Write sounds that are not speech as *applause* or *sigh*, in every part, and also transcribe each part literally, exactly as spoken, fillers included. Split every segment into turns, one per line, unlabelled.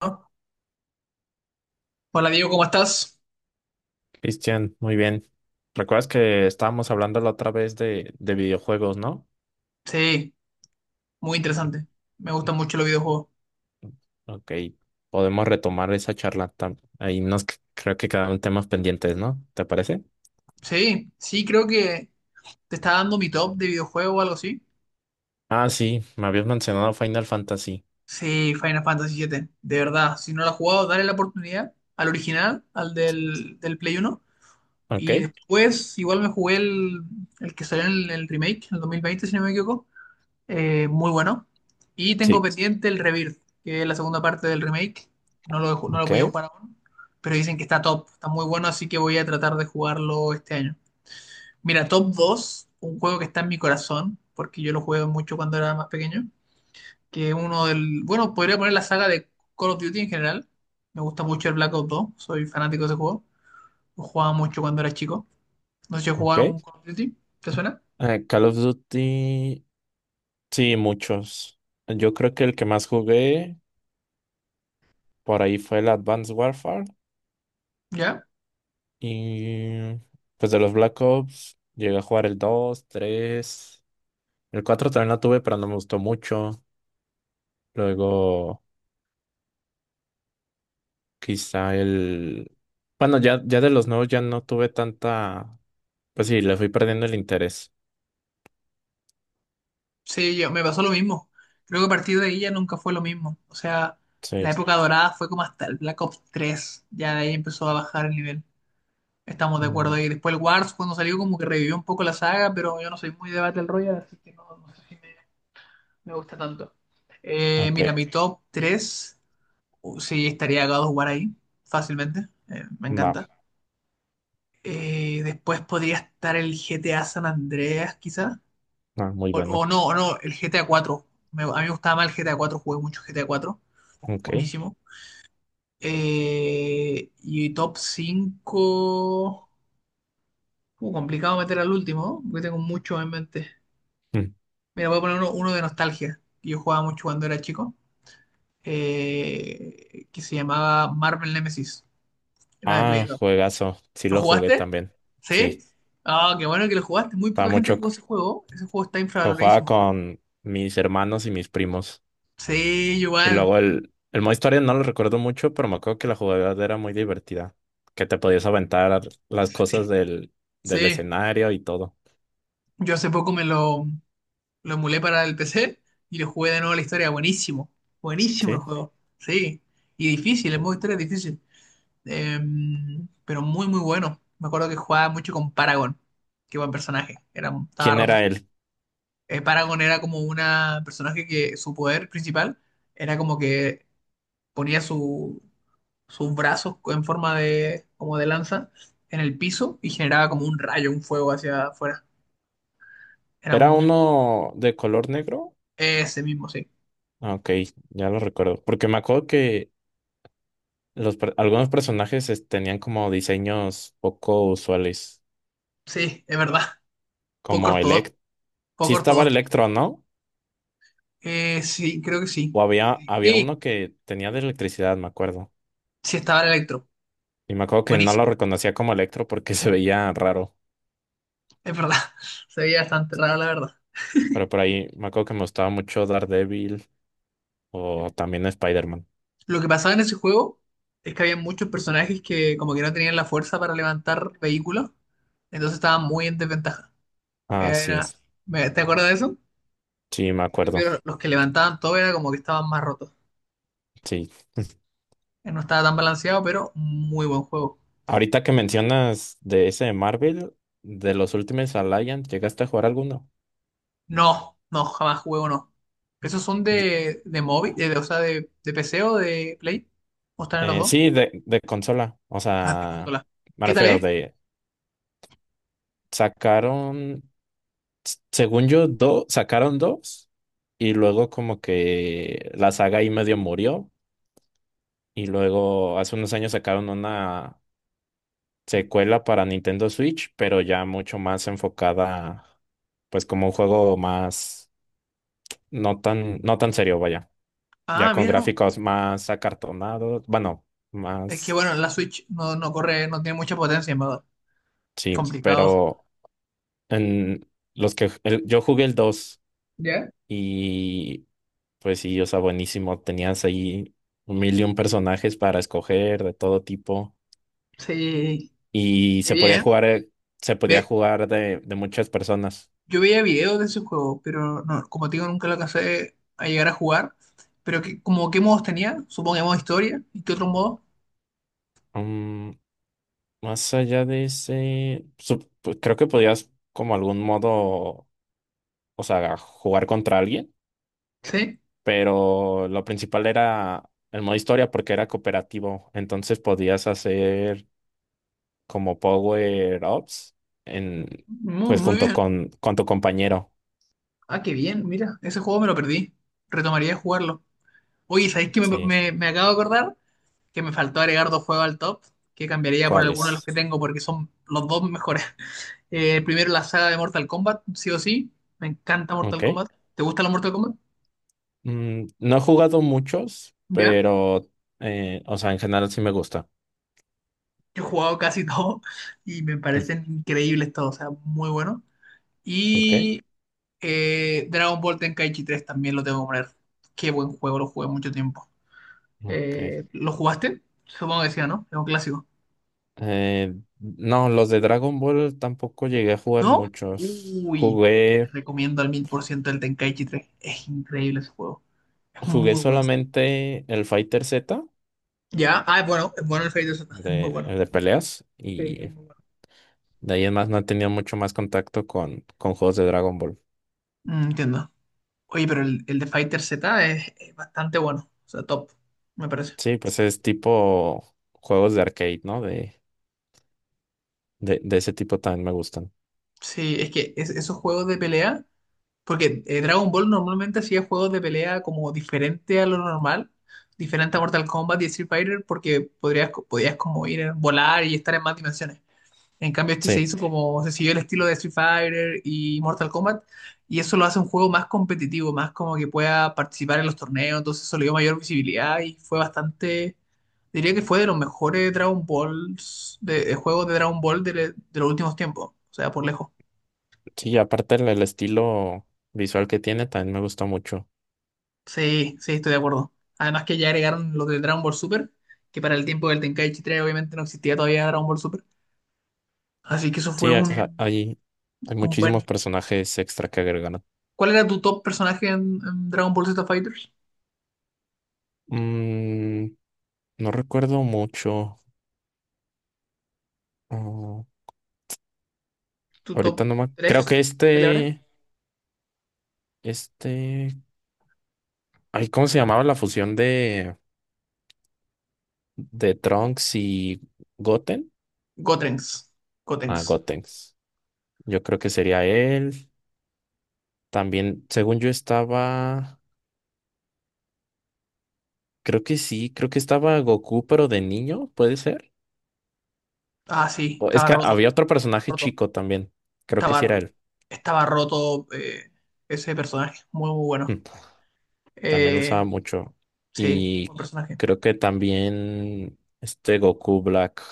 Hola Diego, ¿cómo estás?
Cristian, muy bien. ¿Recuerdas que estábamos hablando la otra vez de, de videojuegos, ¿no?
Sí, muy
Y-
interesante. Me
y-
gustan mucho los videojuegos.
Ok, podemos retomar esa charla. tam- Ahí nos c- creo que quedaron temas pendientes, ¿no? ¿Te parece?
Sí, sí, creo que te está dando mi top de videojuego o algo así.
Ah, sí, me habías mencionado Final Fantasy.
Sí, Final Fantasy siete. De verdad, si no lo has jugado, dale la oportunidad al original, al del, del Play uno.
Ok,
Y después, igual me jugué el, el que salió en el, el remake, en el dos mil veinte, si no me equivoco. Eh, muy bueno. Y tengo
sí,
pendiente el Rebirth, que es la segunda parte del remake. No lo, he ju- no lo he
ok,
podido jugar aún, pero dicen que está top, está muy bueno, así que voy a tratar de jugarlo este año. Mira, top dos, un juego que está en mi corazón, porque yo lo jugué mucho cuando era más pequeño, que es uno del, bueno, podría poner la saga de Call of Duty en general. Me gusta mucho el Black Ops dos, soy fanático de ese juego. Lo jugaba mucho cuando era chico. No sé si he
ok.
jugado algún Call of Duty, ¿te suena?
Eh, Call of Duty, sí, muchos. Yo creo que el que más jugué por ahí fue el Advanced Warfare.
¿Ya?
Y pues de los Black Ops, llegué a jugar el dos, tres. El cuatro también lo tuve, pero no me gustó mucho. Luego, quizá el... bueno, ya, ya de los nuevos ya no tuve tanta... Pues sí, le fui perdiendo el interés.
Sí, yo, me pasó lo mismo. Creo que a partir de ahí ya nunca fue lo mismo. O sea, la
Sí.
época dorada fue como hasta el Black Ops tres. Ya de ahí empezó a bajar el nivel. Estamos de acuerdo
Mm,
ahí. Después el Wars, cuando salió, como que revivió un poco la saga, pero yo no soy muy de Battle Royale, así que no, no sé si me, me gusta tanto. Eh,
ok,
mira, mi top tres, uh, sí, estaría God of War ahí, fácilmente. Eh, me
va.
encanta. Eh, después podría estar el G T A San Andreas, quizás.
Ah, muy
O,
bueno.
o no, o no, el G T A cuatro. Me- a mí me gustaba más el G T A cuatro, jugué mucho G T A cuatro.
Ok.
Buenísimo. Eh, y top cinco, Uh, complicado meter al último, porque tengo mucho en mente.
Mm.
Mira, voy a poner uno, uno de nostalgia, que yo jugaba mucho cuando era chico, eh, que se llamaba Marvel Nemesis. Era de Play
Ah,
dos.
juegazo. Sí
¿Lo
lo jugué
jugaste?
también.
¿Sí?
Sí,
Ah, qué bueno que lo jugaste. Muy
estaba
poca gente
mucho...
jugó ese juego. Ese juego está
Lo jugaba
infravaloradísimo.
con mis hermanos y mis primos.
Sí,
Y
igual.
luego el, el modo historia no lo recuerdo mucho, pero me acuerdo que la jugabilidad era muy divertida, que te podías aventar las
Sí.
cosas del, del
Sí.
escenario y todo,
Yo hace poco me lo, Lo emulé para el P C y lo jugué de nuevo la historia. Buenísimo. Buenísimo el
¿sí?
juego. Sí. Y difícil, el modo historia es difícil. Eh, pero muy, muy bueno. Me acuerdo que jugaba mucho con Paragon. Qué buen personaje. Era, estaba
¿Quién
roto.
era él?
Eh, Paragon era como una personaje que su poder principal era como que ponía su, sus brazos en forma de, como de lanza en el piso y generaba como un rayo, un fuego hacia afuera. Era
¿Era
muy...
uno de color negro?
Ese mismo, sí.
Ah, ok, ya lo recuerdo, porque me acuerdo que los, per- algunos personajes es- tenían como diseños poco usuales,
Sí, es verdad. Poco
como
ortodoxo.
Elect. Sí
Poco
estaba el
ortodoxo.
Electro, ¿no?
Eh, sí, creo que sí.
O había,
Sí,
había
sí
uno que tenía de electricidad, me acuerdo.
sí estaba el Electro.
Y me acuerdo que no lo
Buenísimo.
reconocía como Electro porque *laughs* se veía raro.
Es verdad. *laughs* Se veía bastante raro, la verdad.
Pero por ahí me acuerdo que me gustaba mucho Daredevil o también Spider-Man.
Lo que pasaba en ese juego es que había muchos personajes que como que no tenían la fuerza para levantar vehículos, entonces estaban muy en desventaja.
Ah, sí,
Era, me- ¿te acuerdas de eso?
sí, me
En
acuerdo.
cambio, los que levantaban todo era como que estaban más rotos.
Sí.
Eh, No estaba tan balanceado, pero muy buen juego.
Ahorita que mencionas de ese de Marvel, de los últimos Alliance, ¿llegaste a jugar alguno?
No, no, jamás jugué uno. ¿Esos son
Yo-
de, de móvil, de- de- o sea, de, de P C o de Play? ¿O están en los
eh,
dos?
sí, de, de consola. O
Ah, te
sea,
consola.
me
¿Qué tal
refiero
es?
de sacaron, s- según yo, dos, sacaron dos y luego como que la saga ahí medio murió y luego hace unos años sacaron una secuela para Nintendo Switch, pero ya mucho más enfocada, pues como un juego más, no tan, no tan serio, vaya, ya
Ah,
con
mira, no.
gráficos más acartonados, bueno,
Es que
más,
bueno, la Switch no, no corre, no tiene mucha potencia, en verdad.
sí,
Complicado.
pero en los que el- yo jugué el dos
¿Ya?
y pues sí, o sea, buenísimo, tenías ahí un mil y un personajes para escoger de todo tipo
Sí,
y
qué
se podía
bien.
jugar, eh, se podía
Ve,
jugar de, de muchas personas.
yo veía videos de ese juego, pero no, como te digo, nunca lo alcancé a llegar a jugar. Pero que, como qué modos tenía, supongo que modo historia, ¿y qué otro modo?
Mm, más allá de ese, sup- pues, creo que podías como algún modo, o sea, jugar contra alguien,
Sí,
pero lo principal era el modo historia porque era cooperativo, entonces podías hacer como power ups en,
muy,
pues
muy
junto
bien.
con, con tu compañero.
Ah, qué bien, mira, ese juego me lo perdí. Retomaría de jugarlo. Oye, ¿sabéis qué me,
Sí,
me, me acabo de acordar? Que me faltó agregar dos juegos al top, que cambiaría por alguno de los
¿cuáles?
que tengo porque son los dos mejores. *laughs* Eh, el primero, la saga de Mortal Kombat, sí o sí. Me encanta Mortal
Ok.
Kombat. ¿Te gusta la Mortal Kombat?
Mm, no he jugado muchos,
Ya.
pero, eh, o sea, en general sí me gusta.
He jugado casi *laughs* todo y me
*laughs* Mm,
parecen increíbles todos, o sea, muy bueno.
ok,
Y eh, Dragon Ball Tenkaichi tres también lo tengo que poner. Qué buen juego, lo jugué mucho tiempo.
ok.
Eh, ¿lo jugaste? Supongo que sí, ¿no? Es un clásico.
Eh, no, los de Dragon Ball tampoco llegué a jugar
¿No?
muchos.
Uy, te
Jugué,
recomiendo al mil por ciento el Tenkaichi tres. Es increíble ese juego. Es
jugué
muy bueno.
solamente el Fighter Z
Ya, ah, es bueno, es bueno el Fighter Z, es muy
de,
bueno.
el de peleas
Sí, es
y
muy bueno.
de ahí en más no he tenido mucho más contacto con, con juegos de Dragon Ball.
Mm, entiendo. Oye, pero el, el de Fighter Z es, es bastante bueno, o sea, top, me parece.
Sí, pues es tipo juegos de arcade, ¿no? De, de, de ese tipo también me gustan.
Sí, es que es- esos juegos de pelea, porque eh, Dragon Ball normalmente hacía juegos de pelea como diferente a lo normal, diferente a Mortal Kombat y Street Fighter, porque podrías, podías como ir a volar y estar en más dimensiones. En cambio, este se
Sí,
hizo como, se siguió el estilo de Street Fighter y Mortal Kombat, y eso lo hace un juego más competitivo, más como que pueda participar en los torneos, entonces eso le dio mayor visibilidad y fue bastante, diría que fue de los mejores Dragon Balls, de, de juegos de Dragon Ball de, de los últimos tiempos, o sea, por lejos.
sí, aparte el, el estilo visual que tiene también me gusta mucho.
Sí, sí, estoy de acuerdo. Además que ya agregaron los de Dragon Ball Super, que para el tiempo del Tenkaichi tres obviamente no existía todavía Dragon Ball Super, así que eso fue
Sí, hay,
un,
hay hay
un
muchísimos
buen...
personajes extra que agregan.
¿Cuál era tu top personaje en, en Dragon Ball Z Fighters?
Mm, no recuerdo mucho. Oh,
Tu top
ahorita no me... Creo
tres
que
peleadores.
este, este... ay, ¿cómo se llamaba la fusión de, de Trunks y Goten?
Gotenks.
Ah,
Gotenks.
Gotenks. Yo creo que sería él. También, según yo estaba... Creo que sí, creo que estaba Goku, pero de niño, ¿puede ser?
Ah, sí,
O- es
estaba
que
roto,
había otro personaje
roto.
chico también. Creo que sí
Estaba,
era él.
estaba roto eh, ese personaje. Muy, muy bueno.
Mm, también lo usaba
Eh,
mucho.
sí,
Y
buen personaje.
creo que también este Goku Black.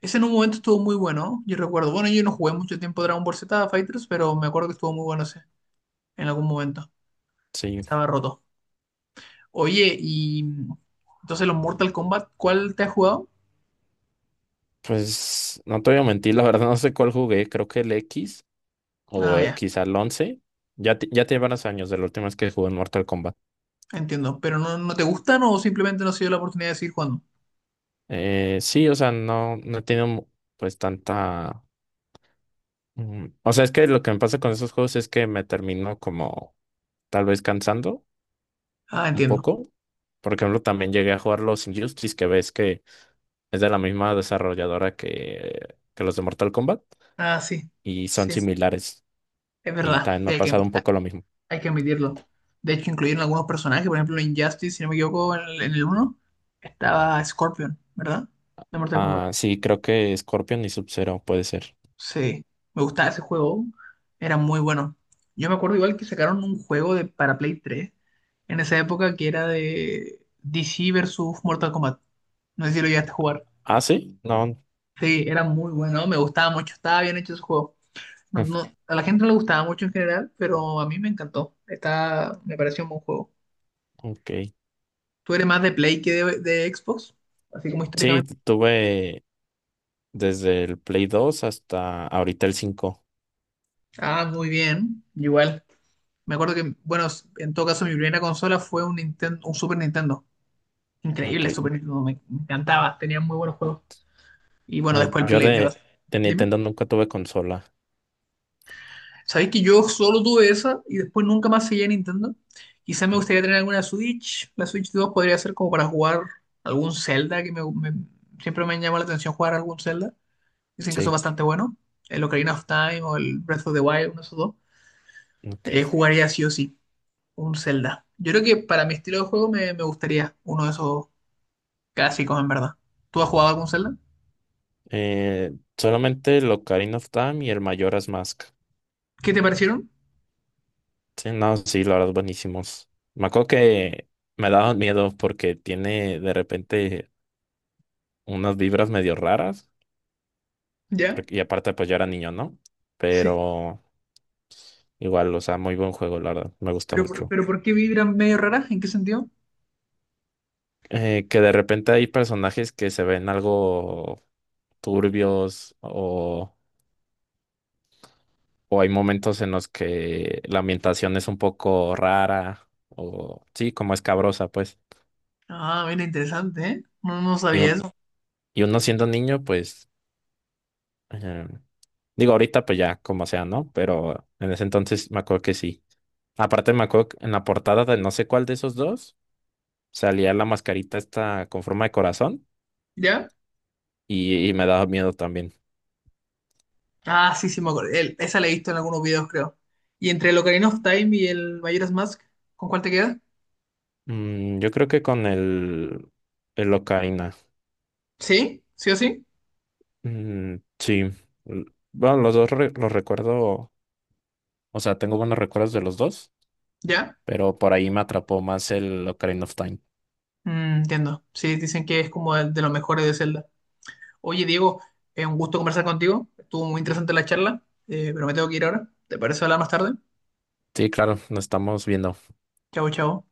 Ese en un momento estuvo muy bueno, yo recuerdo. Bueno, yo no jugué mucho tiempo Dragon Ball Z Fighters, pero me acuerdo que estuvo muy bueno ese en algún momento.
Sí.
Estaba roto. Oye, y entonces los Mortal Kombat, ¿cuál te has jugado?
Pues no te voy a mentir, la verdad no sé cuál jugué, creo que el X o
Ah,
eh,
ya,
quizá el once. Ya, te- ya tiene varios años de la última vez que jugué en Mortal Kombat.
entiendo. ¿Pero no, no te gustan o simplemente no se dio la oportunidad de seguir jugando?
Eh, sí, o sea, no, no he tenido mu- pues tanta... Mm, o sea, es que lo que me pasa con esos juegos es que me termino como tal vez cansando
Ah,
un
entiendo.
poco. Por ejemplo, también llegué a jugar los Injustice, que ves que es de la misma desarrolladora que, que los de Mortal Kombat
Ah, sí,
y son
sí,
similares.
es
Y
verdad,
también me
sí,
ha
hay que,
pasado un poco lo mismo.
hay que admitirlo. De hecho, incluyeron algunos personajes, por ejemplo, en Injustice, si no me equivoco, en el, en el uno estaba Scorpion, ¿verdad? De Mortal Kombat.
Ah, sí, creo que Scorpion y Sub-Zero puede ser.
Sí, me gustaba ese juego, era muy bueno. Yo me acuerdo igual que sacaron un juego de, para Play tres en esa época que era de D C versus Mortal Kombat. No sé si lo llegaste a jugar.
Ah, sí, no.
Sí, era muy bueno, me gustaba mucho, estaba bien hecho ese juego. No,
*laughs*
a la gente no le gustaba mucho en general, pero a mí me encantó. Está, me pareció un buen juego.
Ok.
¿Tú eres más de Play que de, de Xbox? Así como
Sí,
históricamente.
t- tuve desde el Play dos hasta ahorita el cinco.
Ah, muy bien. Igual. Me acuerdo que, bueno, en todo caso, mi primera consola fue un Nintendo, un Super Nintendo.
Ok.
Increíble, Super Nintendo. Me, me encantaba. Tenía muy buenos juegos. Y bueno,
No,
después el. Ah,
yo
Play. Me pasó.
de, de Nintendo nunca tuve consola.
Sabéis que yo solo tuve esa y después nunca más seguí a Nintendo. Quizá me gustaría tener alguna Switch. La Switch dos podría ser como para jugar algún Zelda, que me, me- siempre me llama la atención jugar algún Zelda. Dicen que son
Sí,
bastante buenos. El Ocarina of Time o el Breath of the Wild, uno de esos dos.
ok.
Eh, jugaría sí o sí un Zelda. Yo creo que para mi estilo de juego me, me gustaría uno de esos clásicos, en verdad. ¿Tú has jugado algún Zelda?
Eh, solamente el Ocarina of Time y el Majora's Mask.
¿Qué te parecieron?
Sí, no, sí, la verdad, buenísimos. Me acuerdo que me daban miedo porque tiene de repente unas vibras medio raras.
¿Ya?
Porque, y aparte, pues yo era niño, ¿no?
Sí.
Pero. Igual, o sea, muy buen juego, la verdad. Me gusta
¿Pero por,
mucho.
pero por qué vibran medio raras? ¿En qué sentido?
Eh, que de repente hay personajes que se ven algo turbios o, o hay momentos en los que la ambientación es un poco rara o sí, como escabrosa, pues.
Ah, mira, interesante, ¿eh? No, no
Y,
sabía
un,
eso.
y uno siendo niño, pues, eh, digo, ahorita pues ya, como sea, ¿no? Pero en ese entonces me acuerdo que sí. Aparte me acuerdo que en la portada de no sé cuál de esos dos salía la mascarita esta con forma de corazón
¿Ya?
y, y me daba miedo también.
Ah, sí, sí, me acuerdo. El- esa la he visto en algunos videos, creo. Y entre el Ocarina of Time y el Majora's Mask, ¿con cuál te queda?
Mm, yo creo que con el, el Ocarina.
¿Sí? ¿Sí o sí?
Mm, sí. L- bueno, los dos re- los recuerdo. O sea, tengo buenos recuerdos de los dos,
¿Ya?
pero por ahí me atrapó más el Ocarina of Time.
Mm, entiendo. Sí, dicen que es como el de los mejores de Zelda. Oye, Diego, es un gusto conversar contigo. Estuvo muy interesante la charla, eh, pero me tengo que ir ahora. ¿Te parece hablar más tarde?
Sí, claro, nos estamos viendo.
Chao, chao.